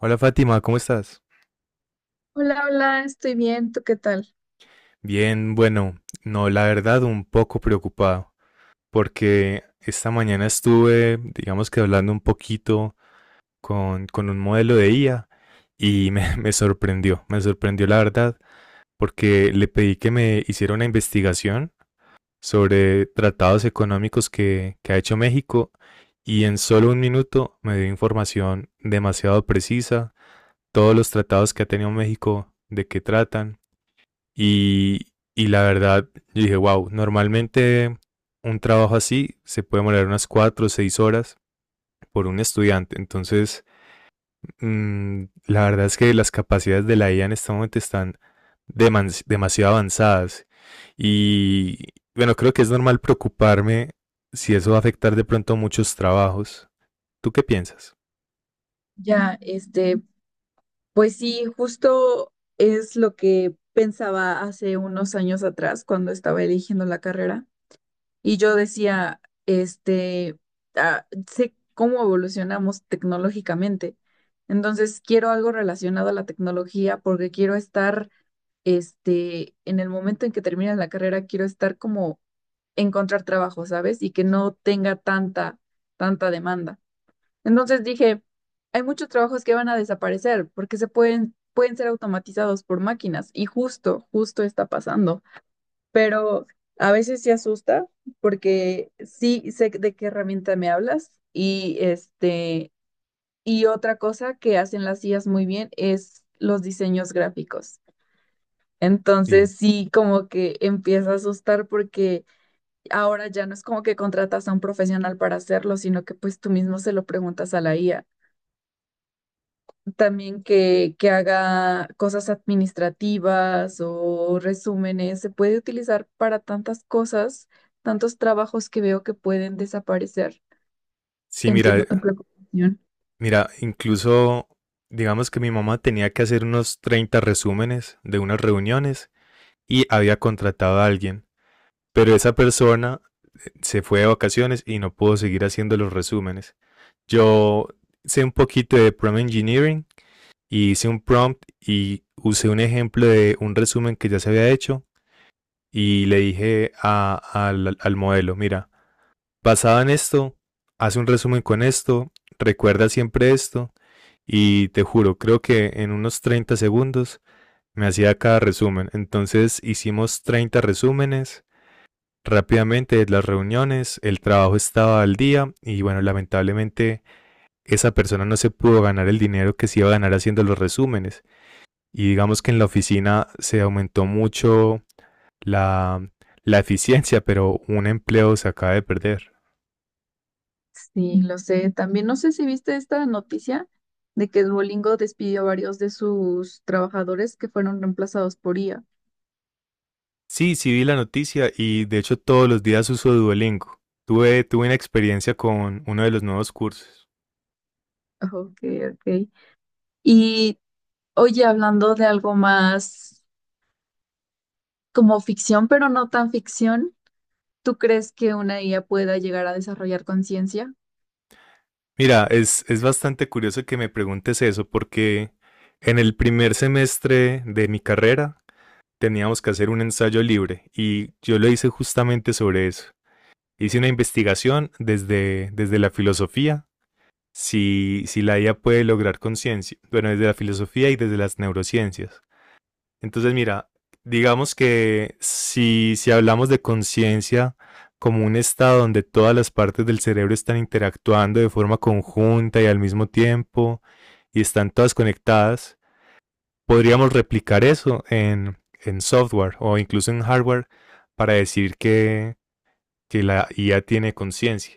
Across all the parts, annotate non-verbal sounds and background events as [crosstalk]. Hola Fátima, ¿cómo estás? Hola, hola, estoy bien, ¿tú qué tal? Bien, bueno, no, la verdad un poco preocupado porque esta mañana estuve, digamos que hablando un poquito con un modelo de IA y [laughs] me sorprendió la verdad porque le pedí que me hiciera una investigación sobre tratados económicos que ha hecho México y en solo un minuto me dio información demasiado precisa, todos los tratados que ha tenido México, de qué tratan. Y la verdad, yo dije, wow, normalmente un trabajo así se puede demorar unas 4 o 6 horas por un estudiante. Entonces, la verdad es que las capacidades de la IA en este momento están demasiado avanzadas. Y bueno, creo que es normal preocuparme si eso va a afectar de pronto muchos trabajos. ¿Tú qué piensas? Ya, pues sí, justo es lo que pensaba hace unos años atrás cuando estaba eligiendo la carrera y yo decía, este, sé cómo evolucionamos tecnológicamente, entonces quiero algo relacionado a la tecnología porque quiero estar, en el momento en que termine la carrera, quiero estar como encontrar trabajo, ¿sabes? Y que no tenga tanta demanda. Entonces dije, hay muchos trabajos que van a desaparecer porque se pueden ser automatizados por máquinas y justo está pasando. Pero a veces sí asusta porque sí sé de qué herramienta me hablas y y otra cosa que hacen las IAs muy bien es los diseños gráficos. Y Entonces sí como que empieza a asustar porque ahora ya no es como que contratas a un profesional para hacerlo, sino que pues tú mismo se lo preguntas a la IA. También que haga cosas administrativas o resúmenes. Se puede utilizar para tantas cosas, tantos trabajos que veo que pueden desaparecer. sí, mira, Entiendo tu preocupación. Incluso digamos que mi mamá tenía que hacer unos 30 resúmenes de unas reuniones y había contratado a alguien, pero esa persona se fue de vacaciones y no pudo seguir haciendo los resúmenes. Yo sé un poquito de prompt engineering y hice un prompt y usé un ejemplo de un resumen que ya se había hecho y le dije al modelo, mira, basado en esto, haz un resumen con esto, recuerda siempre esto y te juro, creo que en unos 30 segundos me hacía cada resumen. Entonces hicimos 30 resúmenes rápidamente las reuniones, el trabajo estaba al día y bueno, lamentablemente esa persona no se pudo ganar el dinero que se iba a ganar haciendo los resúmenes. Y digamos que en la oficina se aumentó mucho la, la eficiencia, pero un empleo se acaba de perder. Sí, lo sé. También no sé si viste esta noticia de que Duolingo despidió a varios de sus trabajadores que fueron reemplazados por IA. Sí, sí vi la noticia y de hecho todos los días uso Duolingo. Tuve una experiencia con uno de los nuevos cursos. Ok, ok. Y oye, hablando de algo más como ficción, pero no tan ficción. ¿Tú crees que una IA pueda llegar a desarrollar conciencia? Mira, es bastante curioso que me preguntes eso porque en el primer semestre de mi carrera teníamos que hacer un ensayo libre y yo lo hice justamente sobre eso. Hice una investigación desde la filosofía, si la IA puede lograr conciencia, bueno, desde la filosofía y desde las neurociencias. Entonces, mira, digamos que si hablamos de conciencia como un estado donde todas las partes del cerebro están interactuando de forma conjunta y al mismo tiempo y están todas conectadas, podríamos replicar eso en software o incluso en hardware para decir que la IA tiene conciencia.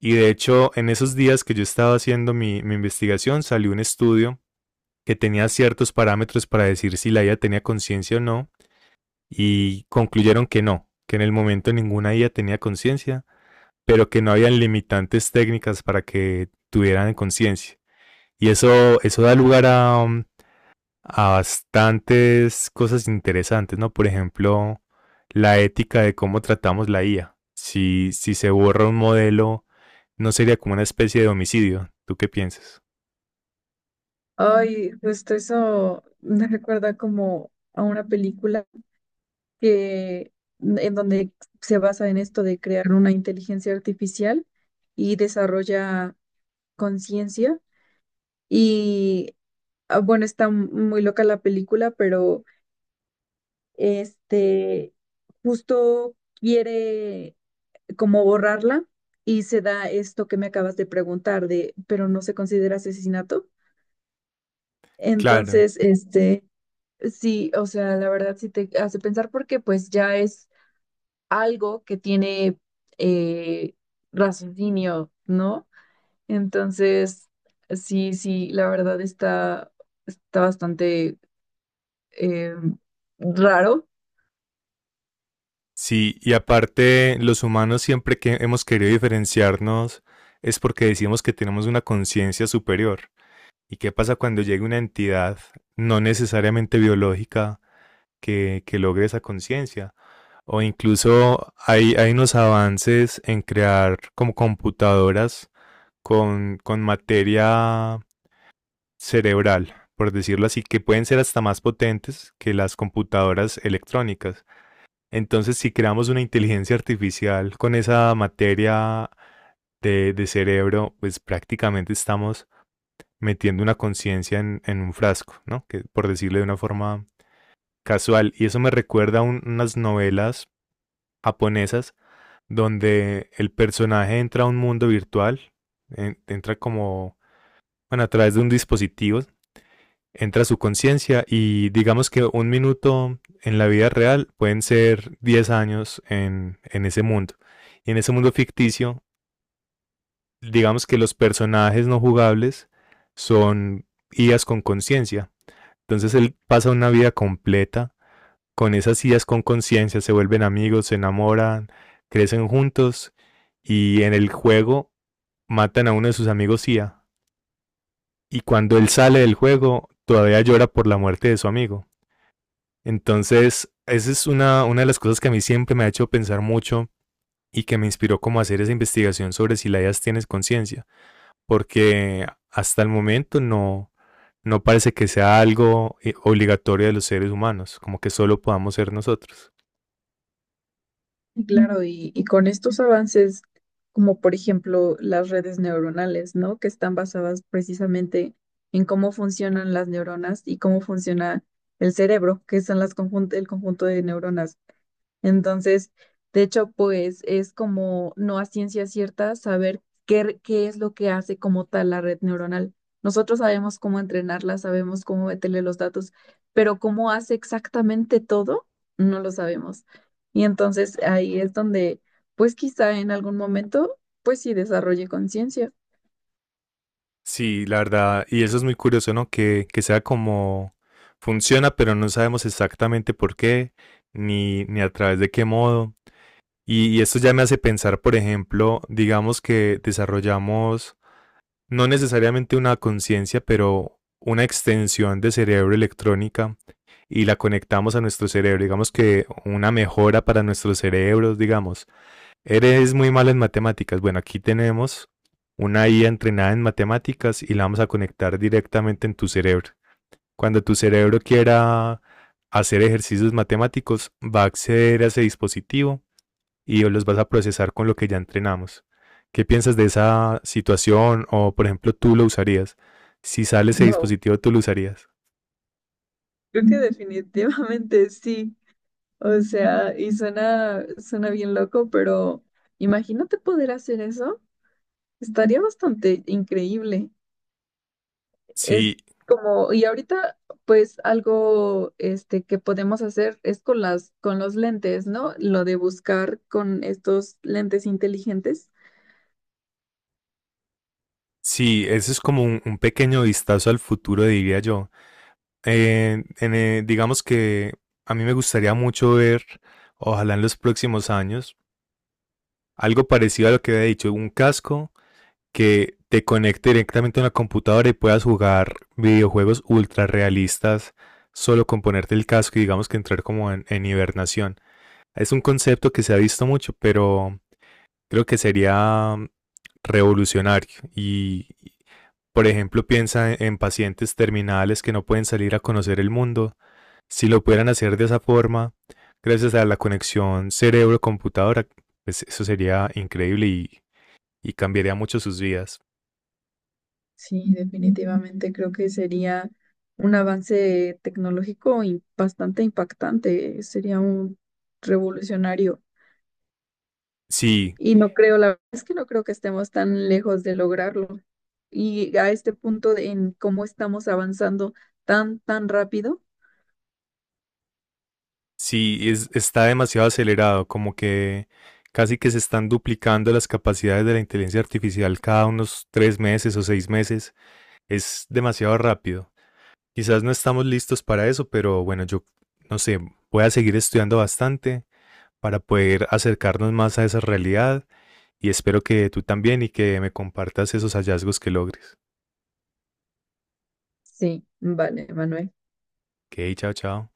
Y de hecho, en esos días que yo estaba haciendo investigación, salió un estudio que tenía ciertos parámetros para decir si la IA tenía conciencia o no, y concluyeron que no, que en el momento ninguna IA tenía conciencia, pero que no habían limitantes técnicas para que tuvieran conciencia. Y eso da lugar a bastantes cosas interesantes, ¿no? Por ejemplo, la ética de cómo tratamos la IA. Si se borra un modelo, no sería como una especie de homicidio. ¿Tú qué piensas? Ay, justo eso me recuerda como a una película que en donde se basa en esto de crear una inteligencia artificial y desarrolla conciencia. Y bueno, está muy loca la película, pero este justo quiere como borrarla y se da esto que me acabas de preguntar de, pero no se considera asesinato. Claro. Entonces, sí, o sea, la verdad sí te hace pensar porque pues ya es algo que tiene eh, raciocinio, ¿no? Entonces, sí, sí, la verdad está bastante eh, raro. Sí, y aparte, los humanos siempre que hemos querido diferenciarnos es porque decimos que tenemos una conciencia superior. ¿Y qué pasa cuando llega una entidad no necesariamente biológica que logre esa conciencia? O incluso hay unos avances en crear como computadoras con materia cerebral, por decirlo así, que pueden ser hasta más potentes que las computadoras electrónicas. Entonces, si creamos una inteligencia artificial con esa materia de cerebro, pues prácticamente estamos metiendo una conciencia en un frasco, ¿no? Que por decirlo de una forma casual. Y eso me recuerda a unas novelas japonesas donde el personaje entra a un mundo virtual, entra como, bueno, a través de un dispositivo, entra a su conciencia y digamos que un minuto en la vida real pueden ser 10 años en ese mundo. Y en ese mundo ficticio, digamos que los personajes no jugables son IAs con conciencia. Entonces él pasa una vida completa con esas IAs con conciencia, se vuelven amigos, se enamoran, crecen juntos y en el juego matan a uno de sus amigos Sia y cuando él sale del juego todavía llora por la muerte de su amigo. Entonces, esa es una de las cosas que a mí siempre me ha hecho pensar mucho y que me inspiró como a hacer esa investigación sobre si la IAS tienes conciencia, porque hasta el momento no, no parece que sea algo obligatorio de los seres humanos, como que solo podamos ser nosotros. Ujú. Claro, y con estos avances, como por ejemplo las redes neuronales, ¿no? Que están basadas precisamente en cómo funcionan las neuronas y cómo funciona el cerebro, que son las el conjunto de neuronas. Entonces, de hecho, pues es como no a ciencia cierta saber qué, qué es lo que hace como tal la red neuronal. Nosotros sabemos cómo entrenarla, sabemos cómo meterle los datos, pero cómo hace exactamente todo, no lo sabemos. Y entonces ahí es donde, pues quizá en algún momento, pues sí desarrolle conciencia. Sí, la verdad, y eso es muy curioso, ¿no? Que sea como funciona, pero no sabemos exactamente por qué, ni a través de qué modo. Y esto ya me hace pensar, por ejemplo, digamos que desarrollamos no necesariamente una conciencia, pero una extensión de cerebro electrónica y la conectamos a nuestro cerebro, digamos que una mejora para nuestros cerebros, digamos. Eres muy malo en matemáticas. Bueno, aquí tenemos una IA entrenada en matemáticas y la vamos a conectar directamente en tu cerebro. Cuando tu cerebro quiera hacer ejercicios matemáticos, va a acceder a ese dispositivo y los vas a procesar con lo que ya entrenamos. ¿Qué piensas de esa situación? O, por ejemplo, tú lo usarías. Si sale ese Wow, dispositivo, tú lo usarías. creo que definitivamente [laughs] sí. O sea, y suena bien loco, pero imagínate poder hacer eso. Estaría bastante increíble. Es Sí, como, y ahorita, pues algo que podemos hacer es con las, con los lentes, ¿no? Lo de buscar con estos lentes inteligentes. sí, eso es como un pequeño vistazo al futuro, diría yo. Digamos que a mí me gustaría mucho ver, ojalá en los próximos años, algo parecido a lo que había dicho, un casco que te conecte directamente a una computadora y puedas jugar videojuegos ultra realistas solo con ponerte el casco y digamos que entrar como en hibernación. Es un concepto que se ha visto mucho, pero creo que sería revolucionario y, y, por ejemplo, piensa en pacientes terminales que no pueden salir a conocer el mundo si lo pudieran hacer de esa forma, gracias a la conexión cerebro-computadora, pues eso sería increíble y cambiaría mucho sus vidas. Sí, definitivamente creo que sería un avance tecnológico y bastante impactante. Sería un revolucionario. Sí, Y no creo, la verdad es que no creo que estemos tan lejos de lograrlo. Y a este punto en cómo estamos avanzando tan, tan rápido. sí, está demasiado acelerado, como que casi que se están duplicando las capacidades de la inteligencia artificial cada unos 3 meses o 6 meses. Es demasiado rápido. Quizás no estamos listos para eso, pero bueno, yo no sé, voy a seguir estudiando bastante para poder acercarnos más a esa realidad y espero que tú también y que me compartas esos hallazgos que logres. Sí, vale, Manuel. Ok, chao, chao.